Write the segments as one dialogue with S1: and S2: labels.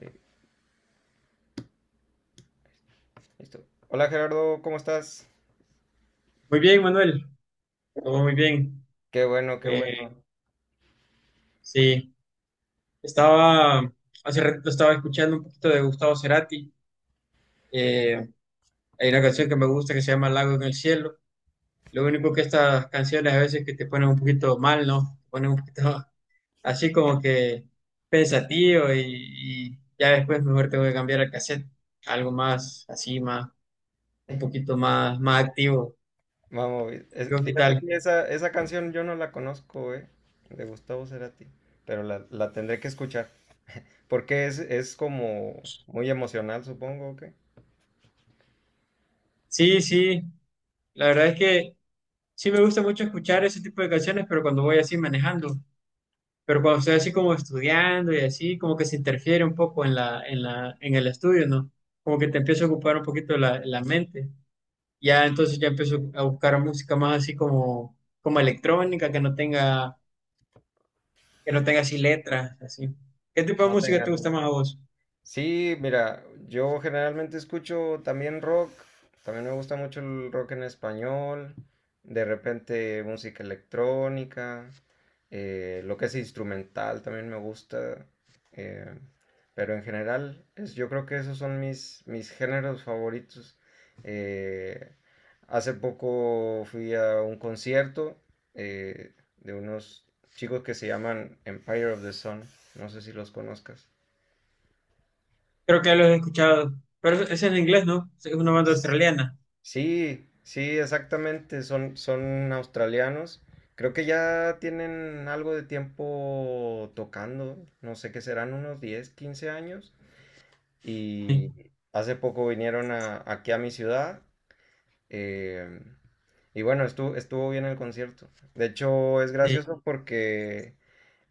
S1: Eh, listo. Hola Gerardo, ¿cómo estás?
S2: Muy bien, Manuel, todo muy bien.
S1: Qué bueno, qué
S2: Eh,
S1: bueno.
S2: sí, estaba, hace rato estaba escuchando un poquito de Gustavo Cerati. Eh, Hay una canción que me gusta que se llama Lago en el Cielo. Lo único que estas canciones a veces que te ponen un poquito mal, ¿no? Te ponen un poquito así como que pensativo y ya después mejor tengo que cambiar al cassette. Algo más un poquito más, más activo.
S1: Vamos,
S2: Digo, ¿qué
S1: fíjate
S2: tal?
S1: que esa canción yo no la conozco, de Gustavo Cerati, pero la tendré que escuchar, porque es como muy emocional, supongo, que
S2: Sí, sí, la verdad es que... Sí me gusta mucho escuchar ese tipo de canciones, pero cuando voy así manejando, pero cuando estoy así como estudiando y así, como que se interfiere un poco en en el estudio, ¿no? Como que te empieza a ocupar un poquito la mente. Ya entonces ya empiezo a buscar música más así como electrónica, que no tenga así letras, así. ¿Qué tipo de
S1: No
S2: música te
S1: tengas.
S2: gusta más a vos?
S1: Sí, mira, yo generalmente escucho también rock, también me gusta mucho el rock en español, de repente música electrónica, lo que es instrumental también me gusta, eh, pero en general es, yo creo que esos son mis géneros favoritos. Eh, hace poco fui a un concierto de unos chicos que se llaman Empire of the Sun, no sé si los conozcas.
S2: Creo que ya lo he escuchado, pero es en inglés, ¿no? Es una banda australiana.
S1: Sí, sí, exactamente, son australianos. Creo que ya tienen algo de tiempo tocando, no sé qué serán, unos 10, 15 años.
S2: Sí,
S1: Y hace poco vinieron aquí a mi ciudad. eh, y bueno, estuvo bien el concierto. De hecho, es
S2: sí.
S1: gracioso porque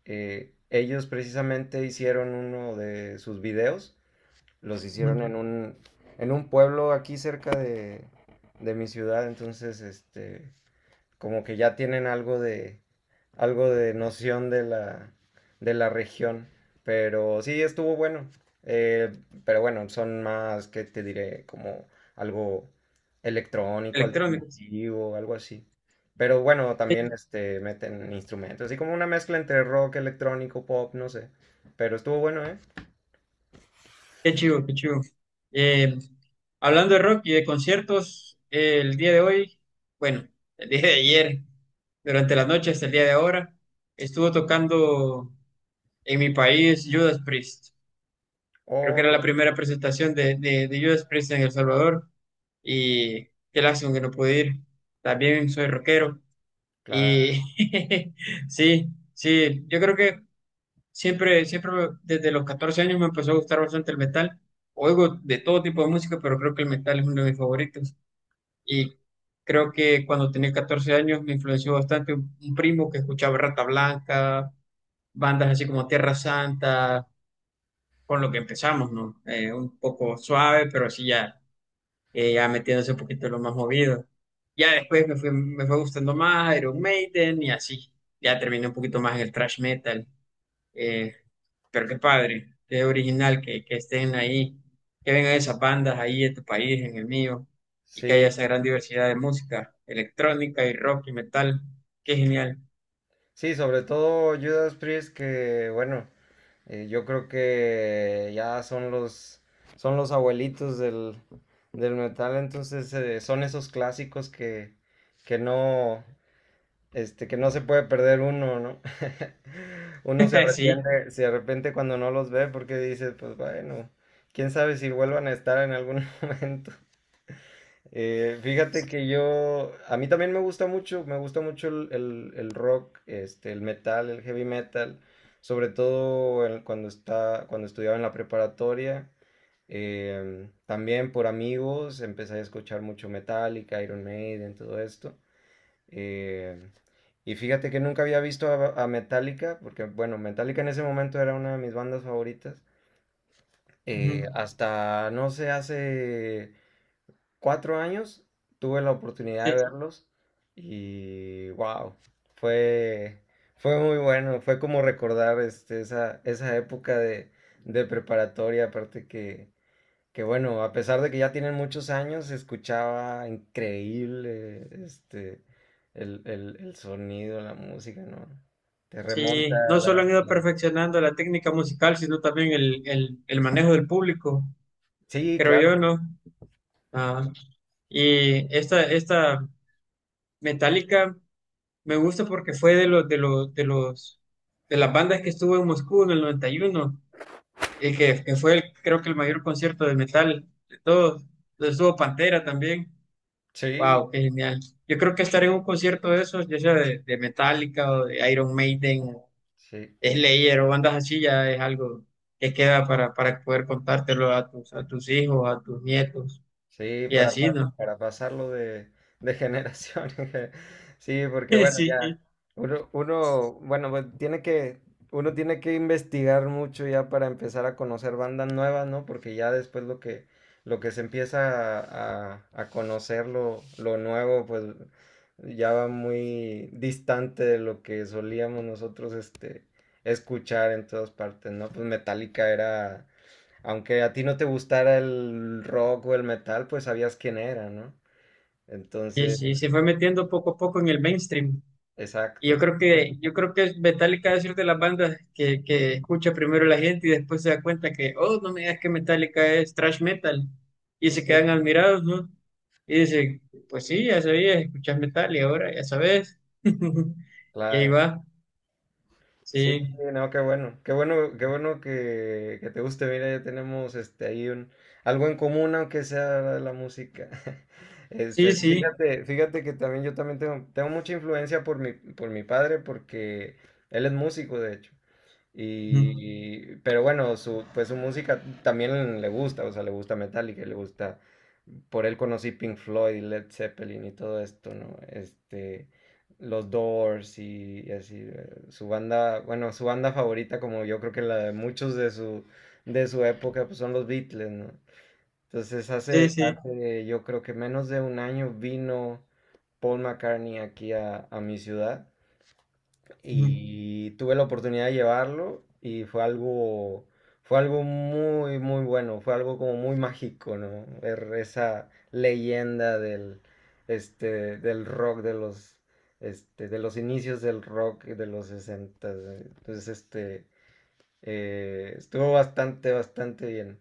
S1: ellos precisamente hicieron uno de sus videos. Los
S2: Ujú.
S1: hicieron en en un pueblo aquí cerca de mi ciudad, entonces, este, como que ya tienen algo de noción de de la región. Pero sí, estuvo bueno. Eh, pero bueno, son más, ¿que te diré? Como algo electrónico,
S2: Electrónicos.
S1: alternativo, algo así. Pero bueno, también este, meten instrumentos, así como una mezcla entre rock, electrónico, pop, no sé. Pero estuvo bueno, ¿eh?
S2: Qué chivo, qué chivo. Eh, Hablando de rock y de conciertos, el día de hoy, bueno, el día de ayer, durante la noche hasta el día de ahora, estuvo tocando en mi país Judas Priest. Creo que
S1: Oh,
S2: era
S1: ya,
S2: la primera presentación de Judas Priest en El Salvador y qué lástima que no pude ir. También soy rockero y
S1: claro.
S2: sí, sí, yo creo que siempre, siempre desde los 14 años me empezó a gustar bastante el metal. Oigo de todo tipo de música, pero creo que el metal es uno de mis favoritos. Y creo que cuando tenía 14 años me influenció bastante un primo que escuchaba Rata Blanca, bandas así como Tierra Santa, con lo que empezamos, ¿no? Un poco suave, pero así ya, ya metiéndose un poquito en lo más movido. Ya después me fue gustando más Iron Maiden y así. Ya terminé un poquito más en el thrash metal. Eh, pero qué padre, qué original que estén ahí, que vengan esas bandas ahí en tu país, en el mío, y que haya
S1: Sí,
S2: esa gran diversidad de música electrónica y rock y metal. Qué
S1: sí,
S2: genial.
S1: sí, sobre todo Judas Priest, que bueno, yo creo que ya son son los abuelitos del, del metal, entonces son esos clásicos que no, este, que no se puede perder uno, ¿no? Uno
S2: Sí,
S1: se arrepiente cuando no los ve porque dice, pues bueno, quién sabe si vuelvan a estar en algún momento. Fíjate que yo, a mí también me gusta mucho el rock, este, el metal, el heavy metal, sobre todo cuando está, cuando estudiaba en la preparatoria. También por amigos empecé a escuchar mucho Metallica, Iron Maiden, todo esto. em, y fíjate que nunca había visto a Metallica, porque bueno, Metallica en ese momento era una de mis bandas favoritas.
S2: ujú,
S1: Hasta, no sé, hace cuatro años tuve la oportunidad
S2: sí,
S1: de verlos y wow, fue, fue muy bueno, fue como recordar este, esa época de preparatoria, aparte que bueno, a pesar de que ya tienen muchos años, se escuchaba increíble este, el sonido, la música, ¿no? Te remonta
S2: sí. No
S1: a la...
S2: solo han ido
S1: la-
S2: perfeccionando la técnica musical, sino también el manejo del público,
S1: sí,
S2: creo yo,
S1: claro,
S2: ¿no? Ah, y esta Metallica me gusta porque fue de de las bandas que estuvo en Moscú en el 91. El que fue, el, creo que el mayor concierto de metal de todos. Donde estuvo Pantera también.
S1: sí,
S2: Wow, qué genial. Yo creo que estar en un concierto de esos, ya sea de Metallica o de Iron Maiden, o
S1: sí.
S2: Slayer o bandas así, ya es algo que queda para poder contártelo a tus hijos, a tus nietos
S1: Sí,
S2: y así, ¿no?
S1: para pasarlo de generación. Sí, porque bueno, ya
S2: Sí,
S1: uno, bueno, pues tiene que, uno tiene que investigar mucho ya para empezar a conocer bandas nuevas, ¿no? Porque ya después lo que se empieza a conocer lo nuevo, pues ya va muy distante de lo que solíamos nosotros, este, escuchar en todas partes, ¿no? Pues Metallica era aunque a ti no te gustara el rock o el metal, pues sabías quién era, ¿no?
S2: sí,
S1: Entonces,
S2: sí, se fue metiendo poco a poco en el mainstream. Y
S1: exacto.
S2: yo creo que Metallica es de las bandas que escucha primero la gente y después se da cuenta que, oh, no me digas que Metallica es thrash metal. Y se
S1: Sí,
S2: quedan admirados, ¿no? Y dicen, pues sí, ya sabías, escuchas metal y ahora ya sabes. Y ahí
S1: claro.
S2: va.
S1: Sí,
S2: Sí,
S1: no, qué bueno. Qué bueno, qué bueno que te guste. Mira, ya tenemos este ahí un algo en común, aunque sea la música. Este,
S2: sí, sí.
S1: fíjate, fíjate que también yo también tengo, tengo mucha influencia por mi padre, porque él es músico, de hecho.
S2: Ujú.
S1: Y, pero bueno, su, pues su música también le gusta, o sea, le gusta Metallica, le gusta, por él conocí Pink Floyd, Led Zeppelin y todo esto, ¿no? Este, los Doors y así, su banda, bueno, su banda favorita, como yo creo que la de muchos de de su época, pues son los Beatles, ¿no? Entonces
S2: Sí, sí.
S1: hace yo creo que menos de un año vino Paul McCartney aquí a mi ciudad
S2: Ujú.
S1: y tuve la oportunidad de llevarlo y fue algo muy, muy bueno, fue algo como muy mágico, ¿no? Ver esa leyenda del, este, del rock, de los, este, de los inicios del rock de los 60. Entonces, este, estuvo bastante, bastante bien.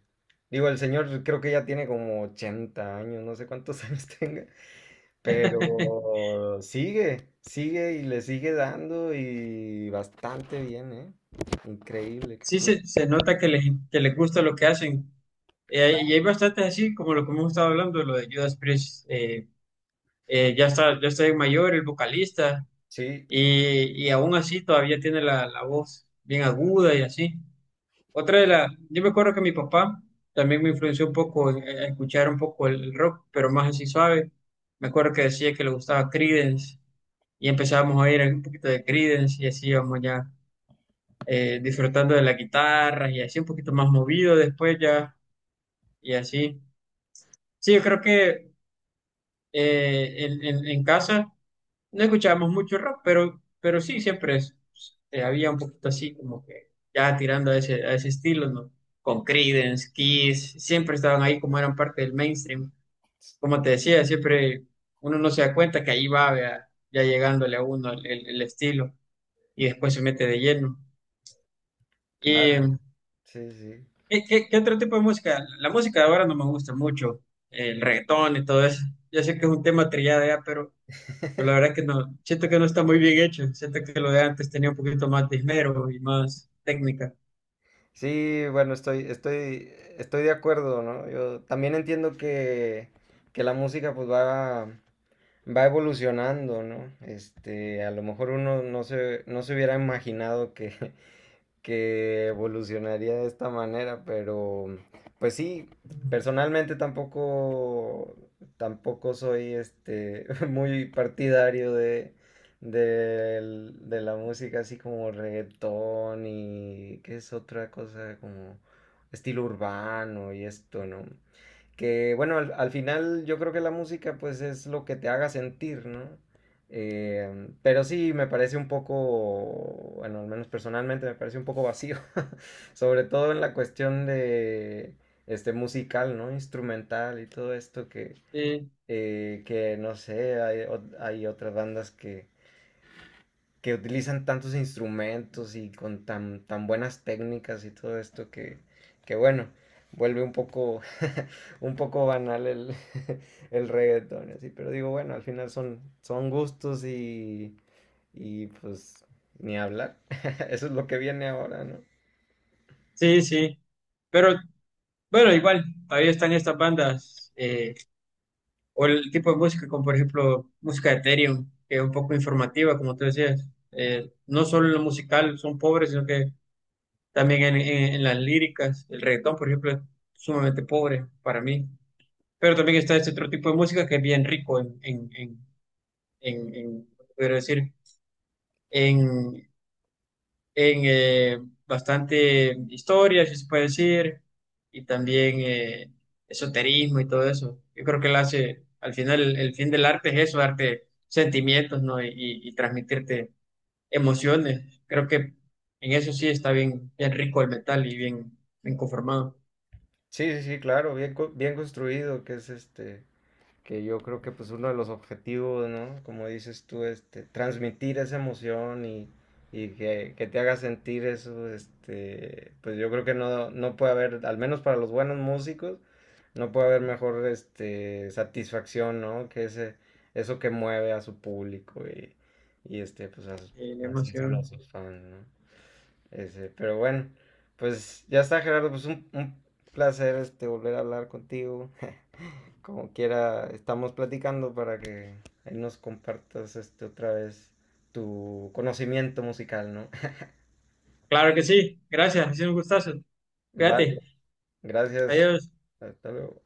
S1: Digo, el señor creo que ya tiene como 80 años, no sé cuántos años tenga, pero sigue, sigue y le sigue dando y bastante bien, ¿eh? Increíble que
S2: Sí,
S1: estuvo.
S2: se nota que que les gusta lo que hacen. Y hay bastantes así, como lo que hemos estado hablando, lo de Judas Priest. Ya está, ya está mayor, el vocalista.
S1: Sí,
S2: Y aún así todavía tiene la voz bien aguda y así. Otra de las, yo me acuerdo que mi papá también me influenció un poco en escuchar un poco el rock, pero más así suave. Me acuerdo que decía que le gustaba Creedence y empezábamos a ir un poquito de Creedence y así íbamos ya disfrutando de la guitarra y así un poquito más movido después ya y así. Sí, yo creo que en casa no escuchábamos mucho rock, pero sí, había un poquito así, como que ya tirando a ese estilo, ¿no? Con Creedence, Kiss, siempre estaban ahí como eran parte del mainstream. Como te decía, siempre uno no se da cuenta que ahí va, vea, ya llegándole a uno el estilo y después se mete de lleno. ¿Y
S1: claro. Sí, sí.
S2: qué otro tipo de música? La música de ahora no me gusta mucho, el reggaetón y todo eso. Yo sé que es un tema trillado ya, pero... Pero la verdad que no, siento que no está muy bien hecho. Siento que lo de antes tenía un poquito más de esmero y más técnica.
S1: Sí, bueno, estoy de acuerdo, ¿no? Yo también entiendo que la música pues va, va evolucionando, ¿no? Este, a lo mejor uno no se, no se hubiera imaginado que, que evolucionaría de esta manera, pero pues sí, personalmente tampoco, tampoco soy este, muy partidario de, de la música así como reggaetón y qué es otra cosa como estilo urbano y esto, ¿no? Que bueno, al final yo creo que la música pues es lo que te haga sentir, ¿no? Pero sí me parece un poco, bueno, al menos personalmente me parece un poco vacío, sobre todo en la cuestión de este musical, ¿no? Instrumental y todo esto
S2: Sí,
S1: que no sé, hay, hay otras bandas que utilizan tantos instrumentos y con tan, tan buenas técnicas y todo esto que bueno, vuelve un poco, un poco banal el, el reggaetón, así, pero digo, bueno, al final son, son gustos y pues ni hablar, eso es lo que viene ahora, ¿no?
S2: sí, sí. Pero bueno, igual, todavía están estas bandas o el tipo de música, como por ejemplo música de Ethereum, que es un poco informativa, como tú decías. No solo en lo musical son pobres, sino que también en las líricas. El reggaetón, por ejemplo, es sumamente pobre para mí. Pero también está este otro tipo de música que es bien rico en, en- podría decir, en, en bastante historia, si se puede decir, y también esoterismo y todo eso. Yo creo que él hace, al final, el fin del arte es eso, darte sentimientos, ¿no? Y transmitirte emociones. Creo que en eso sí está bien, bien rico el metal y bien, bien conformado.
S1: Sí, sí, sí, claro, bien, bien construido, que es este, que yo creo que pues uno de los objetivos, ¿no? Como dices tú, este, transmitir esa emoción y que te haga sentir eso, este, pues yo creo que no, no puede haber, al menos para los buenos músicos, no puede haber mejor este, satisfacción, ¿no? Que ese, eso que mueve a su público y este, pues a sus,
S2: La
S1: así decirlo, a
S2: emoción.
S1: sus fans, ¿no? Ese, pero bueno, pues ya está Gerardo, pues un placer este, volver a hablar contigo. Como quiera, estamos platicando para que ahí nos compartas este otra vez tu conocimiento musical, ¿no?
S2: Claro que sí, gracias, ha sido un gustazo.
S1: Vale,
S2: Cuídate,
S1: gracias.
S2: adiós.
S1: Hasta luego.